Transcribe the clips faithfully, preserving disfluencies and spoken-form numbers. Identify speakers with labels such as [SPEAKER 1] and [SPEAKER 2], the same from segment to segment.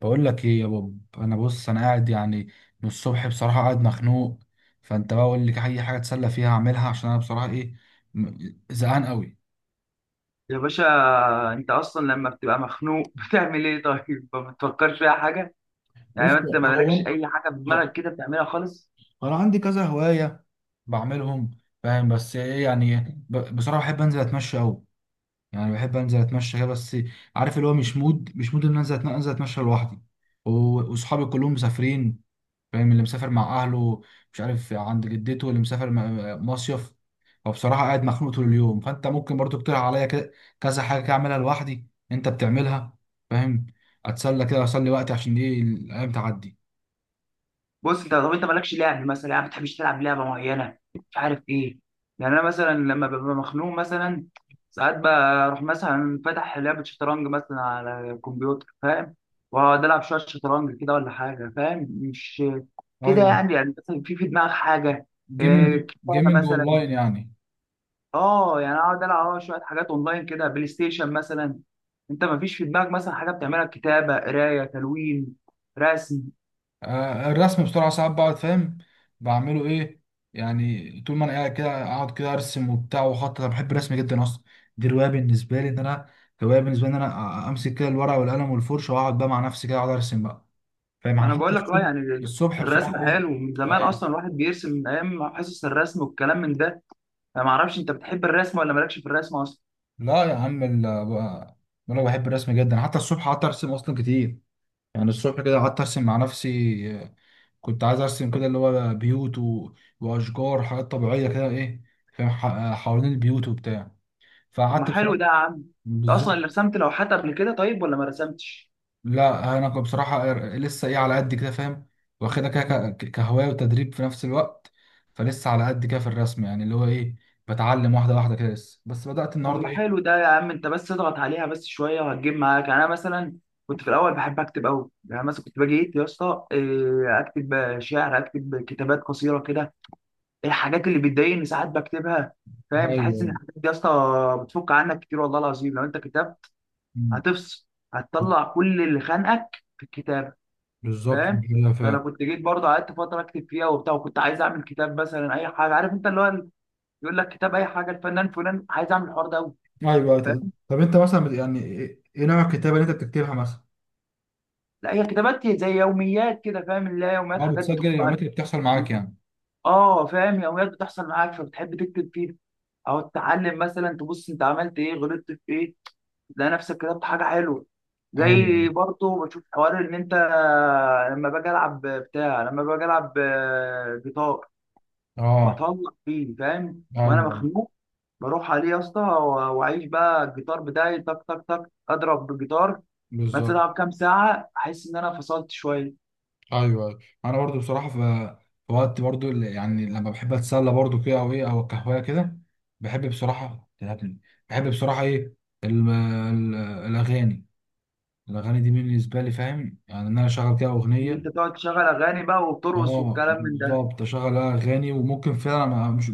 [SPEAKER 1] بقول لك ايه يا بوب. انا بص انا قاعد يعني من الصبح بصراحه قاعد مخنوق. فانت بقى قول لي اي حاجه اتسلى فيها اعملها عشان انا بصراحه ايه، م- زهقان قوي.
[SPEAKER 2] يا باشا، انت اصلا لما بتبقى مخنوق بتعمل ايه؟ طيب ما بتفكرش في اي حاجه؟
[SPEAKER 1] بص،
[SPEAKER 2] يعني انت ما
[SPEAKER 1] هو
[SPEAKER 2] مالكش اي حاجه في
[SPEAKER 1] هو-
[SPEAKER 2] دماغك كده بتعملها خالص؟
[SPEAKER 1] انا عندي كذا هوايه بعملهم. فاهم؟ بس ايه يعني ب- بصراحه بحب انزل اتمشى قوي. يعني بحب انزل اتمشى كده بس. عارف اللي هو مش مود مش مود ان أنا انزل أتن- انزل اتمشى لوحدي. و- واصحابي كلهم مسافرين. فاهم؟ اللي مسافر مع اهله، مش عارف، عند جدته، اللي مسافر م- مصيف. فبصراحه قاعد مخنوق طول اليوم. فانت ممكن برضو تقترح عليا كده- كذا حاجه كده اعملها لوحدي انت بتعملها. فاهم؟ اتسلى كده، اسلي وقتي، عشان دي الايام تعدي.
[SPEAKER 2] بص، انت طب انت مالكش لعب مثلا؟ يعني ما بتحبش تلعب لعبه معينه مش عارف ايه؟ يعني انا مثلا لما ببقى مخنوق، مثلا ساعات بروح مثلا فاتح لعبه شطرنج مثلا على الكمبيوتر، فاهم؟ واقعد العب شويه شطرنج كده ولا حاجه، فاهم؟ مش كده؟
[SPEAKER 1] ايوه،
[SPEAKER 2] يعني يعني مثلا في في دماغك حاجه؟ إيه،
[SPEAKER 1] جيمنج،
[SPEAKER 2] كتابه
[SPEAKER 1] جيمنج
[SPEAKER 2] مثلا،
[SPEAKER 1] اونلاين يعني.
[SPEAKER 2] اه يعني اقعد العب اه شويه حاجات اونلاين كده، بلاي ستيشن مثلا. انت ما فيش في دماغك مثلا حاجه بتعملها؟ كتابه، قرايه، تلوين، رسم.
[SPEAKER 1] آه، الرسم بسرعة ساعات بقعد فاهم بعمله ايه. يعني طول ما انا قاعد كده اقعد كده ارسم وبتاع واخطط. انا بحب الرسم جدا اصلا. دي رواية بالنسبة لي ان انا، هواية بالنسبة لي ان انا أ- امسك كده الورقة والقلم والفرشة واقعد بقى مع نفسي كده اقعد ارسم بقى. فاهم؟
[SPEAKER 2] ما
[SPEAKER 1] يعني
[SPEAKER 2] انا بقول
[SPEAKER 1] حتى
[SPEAKER 2] لك اه
[SPEAKER 1] الصبح،
[SPEAKER 2] يعني
[SPEAKER 1] الصبح
[SPEAKER 2] الرسم
[SPEAKER 1] بصراحة ايه.
[SPEAKER 2] حلو من زمان اصلا،
[SPEAKER 1] ايوه.
[SPEAKER 2] الواحد بيرسم من ايام حصص الرسم والكلام من ده. انا ما اعرفش انت بتحب الرسم ولا مالكش في الرسم اصلا؟
[SPEAKER 1] لا يا عم، ال- بقى- بقول لك بحب الرسم جدا. حتى الصبح قعدت ارسم اصلا كتير. يعني الصبح كده قعدت ارسم مع نفسي. كنت عايز ارسم كده اللي هو بيوت و... واشجار، حاجات طبيعيه كده ايه. فاهم، ح- حوالين البيوت وبتاع.
[SPEAKER 2] طب
[SPEAKER 1] فقعدت
[SPEAKER 2] ما حلو ده يا
[SPEAKER 1] بصراحه.
[SPEAKER 2] عم، انت اصلا اللي
[SPEAKER 1] بالظبط.
[SPEAKER 2] رسمت لوحات قبل كده طيب ولا ما رسمتش؟
[SPEAKER 1] لا انا كنت بصراحه لسه ايه على قد كده فاهم. واخدها كده ك- ك- كهوايه وتدريب في نفس الوقت. فلسه على قد كده في الرسم. يعني اللي هو ايه، بتعلم واحده واحده كده لسه. بس بدات
[SPEAKER 2] طب
[SPEAKER 1] النهارده
[SPEAKER 2] ما
[SPEAKER 1] ايه.
[SPEAKER 2] حلو ده يا عم، انت بس اضغط عليها بس شويه وهتجيب معاك. يعني انا مثلا كنت في الاول بحب اكتب قوي، يعني مثلا كنت باجي ايه يا اسطى إيه، اكتب شعر، اكتب كتابات قصيره كده. الحاجات اللي بتضايقني ساعات بكتبها، فاهم؟ تحس ان
[SPEAKER 1] ايوه.
[SPEAKER 2] الحاجات دي يا اسطى بتفك عنك كتير، والله العظيم لو انت كتاب
[SPEAKER 1] أمم.
[SPEAKER 2] هتفصل، هتطلع كل اللي خانقك في الكتاب،
[SPEAKER 1] بالظبط
[SPEAKER 2] فاهم؟
[SPEAKER 1] كده
[SPEAKER 2] فانا
[SPEAKER 1] فعلا.
[SPEAKER 2] كنت جيت برضه قعدت فتره اكتب فيها وبتاع، وكنت عايز اعمل كتاب مثلا اي حاجه. عارف انت اللي هو يقول لك كتاب اي حاجه الفنان فلان، عايز اعمل الحوار ده قوي.
[SPEAKER 1] ايوه ط- طب انت مثلا بت- يعني ايه إيه نوع الكتابه اللي انت بتكتبها مثلا؟
[SPEAKER 2] لا هي كتابات زي يوميات كده، فاهم؟ اللي هي يوميات
[SPEAKER 1] ما
[SPEAKER 2] حاجات
[SPEAKER 1] بتسجل
[SPEAKER 2] بتخط
[SPEAKER 1] اليومات
[SPEAKER 2] عليك.
[SPEAKER 1] اللي بتحصل معاك يعني.
[SPEAKER 2] اه فاهم، يوميات بتحصل معاك فبتحب تكتب فيها، او تتعلم مثلا تبص انت عملت ايه، غلطت في ايه، تلاقي نفسك كتبت حاجه حلوه.
[SPEAKER 1] ايوه، أيوه.
[SPEAKER 2] زي برضه بشوف حوار ان انت لما باجي العب بتاع، لما باجي العب آه، جيتار،
[SPEAKER 1] اه.
[SPEAKER 2] بطلع فيه فاهم وانا
[SPEAKER 1] ايوه.
[SPEAKER 2] مخنوق، بروح عليه يا اسطى و- واعيش بقى الجيتار بتاعي، تك تك تك، اضرب بالجيتار مثلا
[SPEAKER 1] بالظبط.
[SPEAKER 2] العب كام ساعه، احس ان انا فصلت شويه.
[SPEAKER 1] ايوه، أيوة. انا برضو بصراحه في، في وقت برضو اللي، يعني لما بحب اتسلى برضو كده او ايه او القهوه كده. بحب بصراحه تلهبني. بحب بصراحه ايه، ال- ال- الاغاني. الاغاني دي بالنسبه لي فاهم. يعني ان انا اشغل كده
[SPEAKER 2] ان
[SPEAKER 1] اغنيه.
[SPEAKER 2] انت تقعد تشغل اغاني بقى وبترقص
[SPEAKER 1] اه
[SPEAKER 2] والكلام من ده.
[SPEAKER 1] بالظبط، اشغل اغاني. وممكن فعلا ما- مش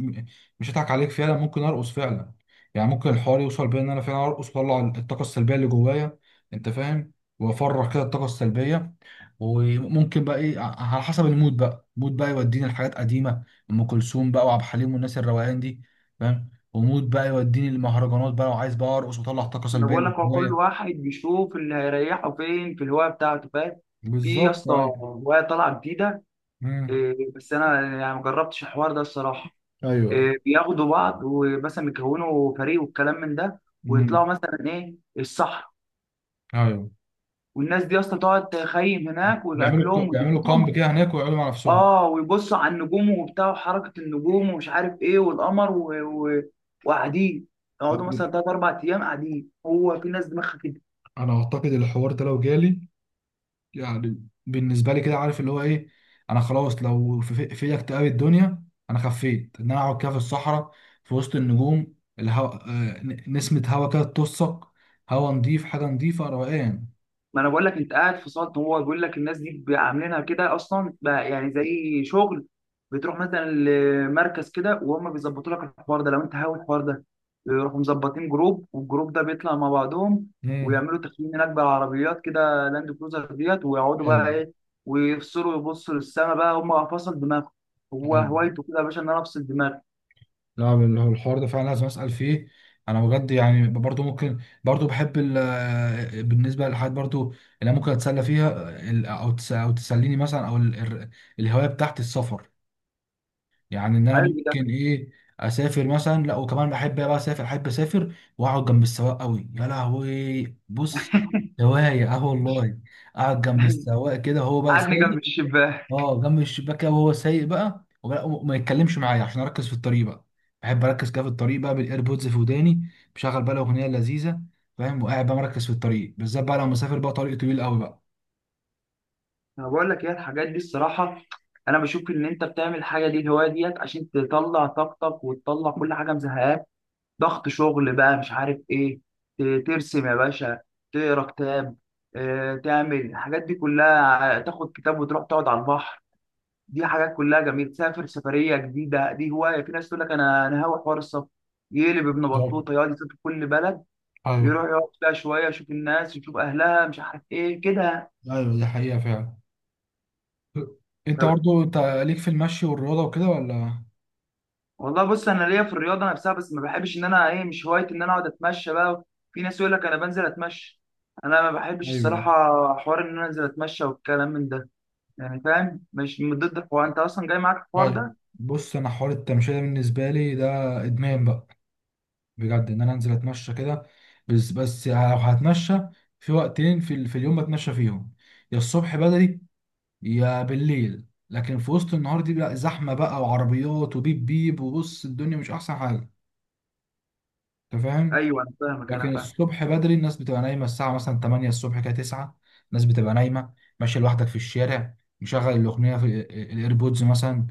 [SPEAKER 1] مش هضحك عليك، فعلا ممكن ارقص فعلا. يعني ممكن الحوار يوصل بيا ان انا فعلا ارقص واطلع الطاقه السلبيه اللي جوايا. انت فاهم. وافرغ كده الطاقه السلبيه. وممكن بقى ايه ع- على حسب المود. بقى المود بقى يوديني لحاجات قديمه، ام كلثوم بقى وعبد الحليم والناس الروقان دي. فاهم. ومود بقى يوديني للمهرجانات بقى، وعايز بقى ارقص واطلع الطاقه
[SPEAKER 2] انا
[SPEAKER 1] السلبيه
[SPEAKER 2] بقول لك
[SPEAKER 1] اللي
[SPEAKER 2] هو كل
[SPEAKER 1] جوايا.
[SPEAKER 2] واحد بيشوف اللي هيريحه فين في الهوايه بتاعته، فاهم؟ في يا
[SPEAKER 1] بالظبط،
[SPEAKER 2] اسطى
[SPEAKER 1] ايوه.
[SPEAKER 2] هوايه طالعه جديده،
[SPEAKER 1] مم.
[SPEAKER 2] إيه، بس انا يعني ما جربتش الحوار ده الصراحه.
[SPEAKER 1] ايوه.
[SPEAKER 2] إيه، بياخدوا بعض ومثلا بيكونوا فريق والكلام من ده، ويطلعوا
[SPEAKER 1] مم.
[SPEAKER 2] مثلا ايه الصحراء،
[SPEAKER 1] ايوه.
[SPEAKER 2] والناس دي اصلا تقعد تخيم هناك
[SPEAKER 1] بيعملوا
[SPEAKER 2] والاكلهم
[SPEAKER 1] بيعملوا كامب
[SPEAKER 2] ودنيتهم.
[SPEAKER 1] كده هناك ويقعدوا مع نفسهم.
[SPEAKER 2] اه، ويبصوا على النجوم وبتاع، وحركه النجوم ومش عارف ايه والقمر و- و- وقاعدين، يقعدوا مثلا تلات اربع ايام قاعدين. هو في ناس دماغها كده.
[SPEAKER 1] انا اعتقد الحوار ده لو جالي، يعني بالنسبه لي كده عارف اللي هو ايه، انا خلاص لو في في في اكتئاب الدنيا، انا خفيت ان انا اقعد كده في الصحراء، في وسط النجوم، الهوا آه، ن- نسمه هوا كده تطسك. هوا نضيف، حاجه نضيفه، روقان.
[SPEAKER 2] ما انا بقول لك انت قاعد في سلطه هو بيقول لك الناس دي عاملينها كده اصلا بقى، يعني زي شغل. بتروح مثلا لمركز كده وهم بيظبطوا لك الحوار ده لو انت هاوي الحوار ده. يروحوا مظبطين جروب، والجروب ده بيطلع مع بعضهم
[SPEAKER 1] مم.
[SPEAKER 2] ويعملوا تخييم هناك بالعربيات كده، لاند كروزر ديت، ويقعدوا
[SPEAKER 1] ايوه.
[SPEAKER 2] بقى ايه، ويفصلوا، يبصوا للسما بقى، هم فصل دماغهم. هو
[SPEAKER 1] ايوه.
[SPEAKER 2] هوايته كده يا باشا، ان انا افصل دماغي.
[SPEAKER 1] لا بال- هو الحوار ده فعلا لازم اسال فيه. انا بجد يعني برضو ممكن، برضو بحب ال- بالنسبه للحاجات برضو اللي أنا ممكن اتسلى فيها، ال- او تس- او تسليني مثلا، او ال- ال- الهوايه بتاعت السفر. يعني ان انا
[SPEAKER 2] حلو ده.
[SPEAKER 1] ممكن ايه، اسافر مثلا. لا وكمان بحب بقى اسافر، احب اسافر واقعد جنب السواق قوي. يا لهوي بص، هوايه، اه والله. اقعد جنب السواق كده هو بقى.
[SPEAKER 2] قعدني جنب الشباك.
[SPEAKER 1] اه، جنب الشباك وهو سايق بقى، وما وما يتكلمش معايا عشان اركز في الطريق بقى. بحب اركز كده في الطريق بقى، بالايربودز في وداني بشغل بقى الاغنيه اللذيذه. فاهم. وقاعد بقى مركز في الطريق، بالذات بقى لو مسافر بقى طريق طويل قوي بقى.
[SPEAKER 2] انا بقول لك ايه الحاجات دي الصراحه، انا بشوف ان انت بتعمل الحاجه دي الهوايه ديت عشان تطلع طاقتك وتطلع كل حاجه مزهقاك، ضغط شغل بقى مش عارف ايه. ت- ترسم يا باشا، تقرا كتاب، آه، تعمل الحاجات دي كلها، ع- تاخد كتاب وتروح تقعد على البحر. دي حاجات كلها جميله. تسافر سفريه جديده، دي هوايه. في ناس تقول لك انا انا هاوي حوار السفر، يقلب ابن
[SPEAKER 1] بالظبط،
[SPEAKER 2] بطوطه يقعد يسافر كل بلد،
[SPEAKER 1] ايوه.
[SPEAKER 2] يروح يقعد فيها شويه، يشوف الناس، يشوف اهلها، مش عارف ايه كده.
[SPEAKER 1] ايوه، دي حقيقه فعلا. انت برضه انت ليك في المشي والرياضه وكده ولا؟
[SPEAKER 2] والله بص، انا ليا في الرياضه نفسها بس ما بحبش ان انا ايه، مش هوايتي ان انا اقعد اتمشى بقى. في ناس يقول لك انا بنزل اتمشى، انا ما بحبش
[SPEAKER 1] ايوه.
[SPEAKER 2] الصراحه حوار ان انا انزل اتمشى والكلام من ده، يعني فاهم؟ مش من ضد الحوار، انت اصلا جاي معاك الحوار
[SPEAKER 1] ايوه.
[SPEAKER 2] ده.
[SPEAKER 1] بص، انا حوار التمشيه ده بالنسبه لي ده ادمان بقى. بجد ان انا انزل اتمشى كده. بس بس لو هتمشى، في وقتين في, ال- في اليوم بتمشى فيهم: يا الصبح بدري، يا بالليل. لكن في وسط النهار دي بقى زحمه بقى، وعربيات وبيب بيب، وبص الدنيا مش احسن حاجه. انت فاهم.
[SPEAKER 2] ايوه انا فاهمك، انا
[SPEAKER 1] لكن
[SPEAKER 2] فاهم.
[SPEAKER 1] الصبح بدري الناس بتبقى نايمه، الساعه مثلا تمانية الصبح كده، تسعة. الناس بتبقى نايمه. ماشي لوحدك في الشارع، مشغل الاغنيه في ال- الايربودز مثلا،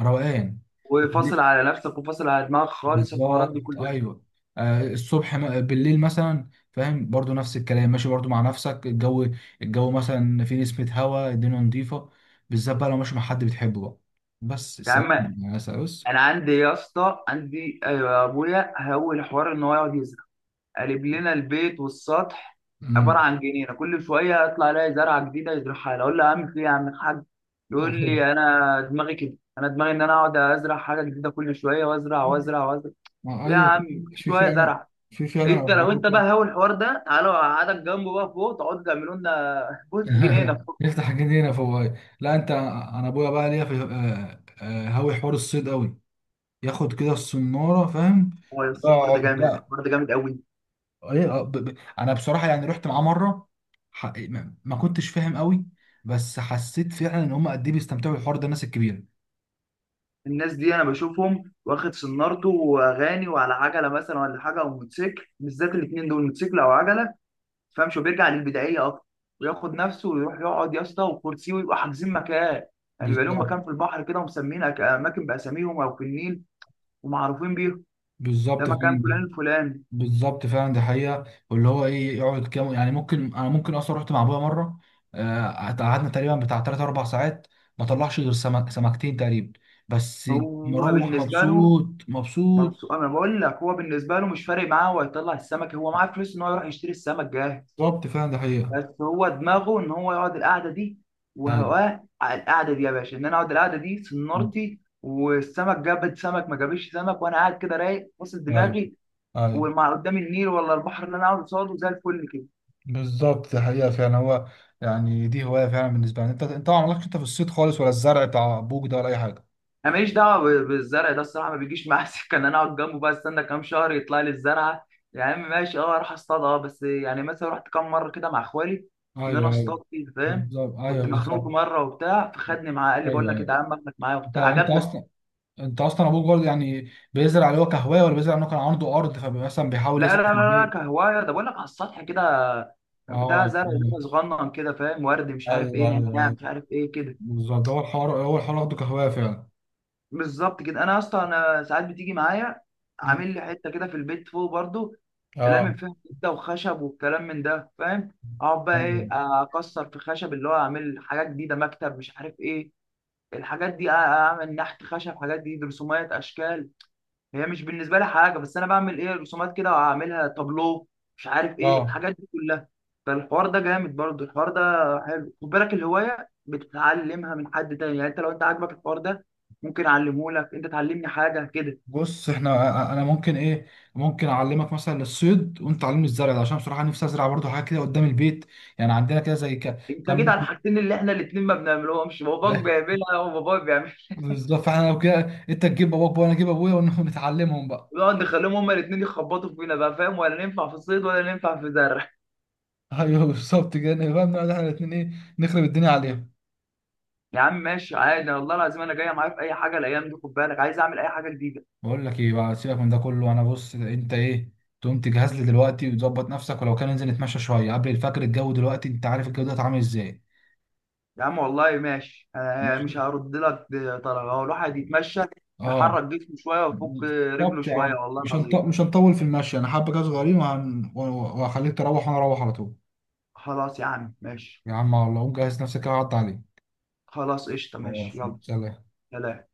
[SPEAKER 1] روقان.
[SPEAKER 2] وفاصل على نفسك وفاصل على دماغك خالص، الحوارات دي
[SPEAKER 1] بالظبط،
[SPEAKER 2] كلها.
[SPEAKER 1] ايوه. آه الصبح م- بالليل مثلا فاهم برضو نفس الكلام، ماشي برضو مع نفسك، الجو، الجو مثلا في نسمة هواء، الدنيا نظيفة. بالذات بقى لو ماشي مع حد بتحبه بقى. بس
[SPEAKER 2] يا عم،
[SPEAKER 1] سلام. يا سلام بس.
[SPEAKER 2] انا عندي يا اسطى، عندي أيوة يا ابويا، هو الحوار ان هو يقعد يزعل، قالب لنا البيت والسطح
[SPEAKER 1] امم.
[SPEAKER 2] عباره عن جنينه. كل شويه اطلع الاقي زرعه جديده يزرعها لي، اقول له يا عم في إيه يا عم الحاج؟ يقول لي انا دماغي كده، انا دماغي ان انا اقعد ازرع حاجه جديده كل شويه، وازرع وازرع وازرع.
[SPEAKER 1] ما
[SPEAKER 2] يا
[SPEAKER 1] ايوه.
[SPEAKER 2] عم كل
[SPEAKER 1] في
[SPEAKER 2] شويه
[SPEAKER 1] فعلا،
[SPEAKER 2] زرع.
[SPEAKER 1] في فعلا
[SPEAKER 2] انت لو
[SPEAKER 1] اخبار
[SPEAKER 2] انت بقى
[SPEAKER 1] كده.
[SPEAKER 2] هاوي الحوار ده، تعالوا اقعدك جنبه بقى فوق، تقعدوا تعملوا لنا بص جنينه فوق.
[SPEAKER 1] نفتح جنينه فوق، أيوه. لا انت انا ابويا بقى ليا في آه، آه، هاوي حوار الصيد قوي. ياخد كده الصناره فاهم.
[SPEAKER 2] هو يا أسطى الحوار ده جامد،
[SPEAKER 1] يقعد
[SPEAKER 2] الحوار ده جامد قوي.
[SPEAKER 1] ايه آه، ب... ب... انا بصراحه يعني رحت معاه مره. ح... ما ما كنتش فاهم قوي. بس حسيت فعلا ان هم قد ايه بيستمتعوا بالحوار ده الناس الكبيره.
[SPEAKER 2] الناس دي انا بشوفهم واخد سنارته واغاني وعلى عجله مثلا ولا حاجه او موتوسيكل، بالذات الاثنين دول، موتوسيكل او عجله، فاهمش، وبيرجع للبدائيه اكتر، وياخد نفسه ويروح يقعد يا اسطى وكرسي، ويبقى حاجزين مكان. يعني يبقى لهم
[SPEAKER 1] بالظبط.
[SPEAKER 2] مكان في البحر كده، ومسمين أك- اماكن باساميهم او في النيل ومعروفين بيهم، ده
[SPEAKER 1] بالظبط
[SPEAKER 2] مكان فلان
[SPEAKER 1] فعلا.
[SPEAKER 2] الفلاني.
[SPEAKER 1] بالظبط فعلا دي حقيقه. واللي هو ايه يقعد كام. يعني ممكن انا، ممكن اصلا رحت مع ابويا مره. آه، قعدنا تقريبا بتاع تلات اربع ساعات. ما طلعش غير سمك... سمكتين تقريبا بس.
[SPEAKER 2] هو
[SPEAKER 1] مروح
[SPEAKER 2] بالنسبه له
[SPEAKER 1] مبسوط،
[SPEAKER 2] مبسوط.
[SPEAKER 1] مبسوط.
[SPEAKER 2] انا بقول لك هو بالنسبه له مش فارق معاه، هو يطلع السمك، هو معاه فلوس ان هو يروح يشتري السمك جاهز،
[SPEAKER 1] بالظبط فعلا دي حقيقه.
[SPEAKER 2] بس هو دماغه ان هو يقعد القعده دي،
[SPEAKER 1] ايوه.
[SPEAKER 2] وهواه على القعده دي يا باشا، ان انا اقعد القعده دي سنارتي، والسمك جابت سمك ما جابش سمك، وانا قاعد كده رايق واصل
[SPEAKER 1] ايوه.
[SPEAKER 2] دماغي،
[SPEAKER 1] ايوه.
[SPEAKER 2] وما قدام النيل ولا البحر اللي انا اقعد قصاده زي الفل كده.
[SPEAKER 1] بالظبط ده حقيقة فعلا. هو يعني دي هواية فعلا بالنسبة لي. انت انت ما عملكش انت في الصيد خالص، ولا الزرع بتاع ابوك ده، ولا اي حاجة؟
[SPEAKER 2] انا ماليش دعوه ب- بالزرع ده الصراحه، ما بيجيش معايا سكه ان انا اقعد جنبه بقى استنى كام شهر يطلع لي الزرعه. يا عم ماشي، اه اروح اصطاد اه، بس يعني مثلا رحت كام مره كده مع اخوالي، ان
[SPEAKER 1] ايوه.
[SPEAKER 2] انا اصطاد
[SPEAKER 1] ايوه.
[SPEAKER 2] فيه، فاهم؟
[SPEAKER 1] بالظبط ايوه.
[SPEAKER 2] كنت مخنوق
[SPEAKER 1] بالظبط
[SPEAKER 2] مره وبتاع فخدني معاه، قال لي بقول
[SPEAKER 1] ايوه.
[SPEAKER 2] لك إيه،
[SPEAKER 1] ايوه.
[SPEAKER 2] تعالى اما اخدك معايا
[SPEAKER 1] انت
[SPEAKER 2] وبتاع،
[SPEAKER 1] انت
[SPEAKER 2] عجبني.
[SPEAKER 1] اصلا انت اصلا ابوك برضه يعني بيزرع اللي هو كهوايه، ولا بيزرع انه كان عنده ارض فمثلا بيحاول
[SPEAKER 2] لا لا
[SPEAKER 1] يزرع في
[SPEAKER 2] لا لا،
[SPEAKER 1] البيت؟
[SPEAKER 2] كهوايه ده، بقول لك على السطح كده،
[SPEAKER 1] اه،
[SPEAKER 2] بتاع زرع زرع
[SPEAKER 1] آه.
[SPEAKER 2] صغنن كده، فاهم؟ ورد مش عارف ايه،
[SPEAKER 1] ايوه ايوه
[SPEAKER 2] نعناع
[SPEAKER 1] ايوه.
[SPEAKER 2] مش عارف ايه كده.
[SPEAKER 1] بالظبط، ده هو الحوار، هو الحوار واخده كهوايه فعلا.
[SPEAKER 2] بالظبط كده. انا اصلا انا ساعات بتيجي معايا،
[SPEAKER 1] مم.
[SPEAKER 2] عامل لي حته كده في البيت فوق برضو، لامم
[SPEAKER 1] اه.
[SPEAKER 2] فيها كده وخشب والكلام من ده، فاهم؟ اقعد بقى ايه،
[SPEAKER 1] ايوه.
[SPEAKER 2] اكسر في خشب اللي هو اعمل حاجات جديده، مكتب مش عارف ايه الحاجات دي، أ- اعمل نحت خشب، حاجات دي رسومات اشكال. هي مش بالنسبه لي حاجه، بس انا بعمل ايه، رسومات كده وهعملها تابلو، مش عارف ايه
[SPEAKER 1] اه.
[SPEAKER 2] الحاجات دي كلها. فالحوار ده جامد برضو الحوار ده، حلو. خد بالك الهوايه بتتعلمها من حد تاني، يعني انت لو انت عاجبك الحوار ده ممكن اعلمه لك، انت تعلمني حاجه كده.
[SPEAKER 1] بص احنا، انا ممكن ايه، ممكن اعلمك مثلا الصيد وانت تعلمني الزرع ده، عشان بصراحه نفسي ازرع برضه حاجه كده قدام البيت. يعني عندنا كده زي ك-
[SPEAKER 2] انت
[SPEAKER 1] كم
[SPEAKER 2] جيت على
[SPEAKER 1] متر-
[SPEAKER 2] الحاجتين اللي احنا الاثنين ما بنعملهمش، باباك بيعملها وباباي بيعملها،
[SPEAKER 1] بالظبط. فاحنا لو كده، انت تجيب باباك وانا اجيب ابويا ونتعلمهم بقى.
[SPEAKER 2] ونقعد نخليهم هما الاثنين يخبطوا فينا بقى، فاهم؟ ولا ننفع في الصيد ولا ننفع في زرع.
[SPEAKER 1] ايوه بالظبط كده. نبقى بنقعد احنا الاثنين ايه نخرب الدنيا عليهم.
[SPEAKER 2] يا عم ماشي عادي، والله العظيم انا جايه معايا في اي حاجه الايام دي، خد بالك، عايز اعمل اي حاجه جديده.
[SPEAKER 1] بقول لك ايه بقى، سيبك من ده كله. انا بص، انت ايه، تقوم تجهز لي دلوقتي وتظبط نفسك، ولو كان ننزل نتمشى شويه قبل الفجر، الجو دلوقتي انت عارف الجو ده عامل ازاي.
[SPEAKER 2] يا عم والله ماشي آه، مش
[SPEAKER 1] ماشي.
[SPEAKER 2] هرد لك طلب هو الواحد يتمشى،
[SPEAKER 1] اه.
[SPEAKER 2] يحرك جسمه شويه ويفك رجله
[SPEAKER 1] بالظبط يا
[SPEAKER 2] شويه،
[SPEAKER 1] عم.
[SPEAKER 2] والله
[SPEAKER 1] مش هنط...
[SPEAKER 2] العظيم.
[SPEAKER 1] مش هنطول في المشي. انا حابه كده صغيرين وهن... وهخليك تروح وانا اروح على طول.
[SPEAKER 2] خلاص يا عم ماشي،
[SPEAKER 1] يا عم والله قوم جهز نفسك كده، عدى عليك.
[SPEAKER 2] خلاص قشطه، ماشي،
[SPEAKER 1] خلاص
[SPEAKER 2] يلا،
[SPEAKER 1] سلام.
[SPEAKER 2] سلام.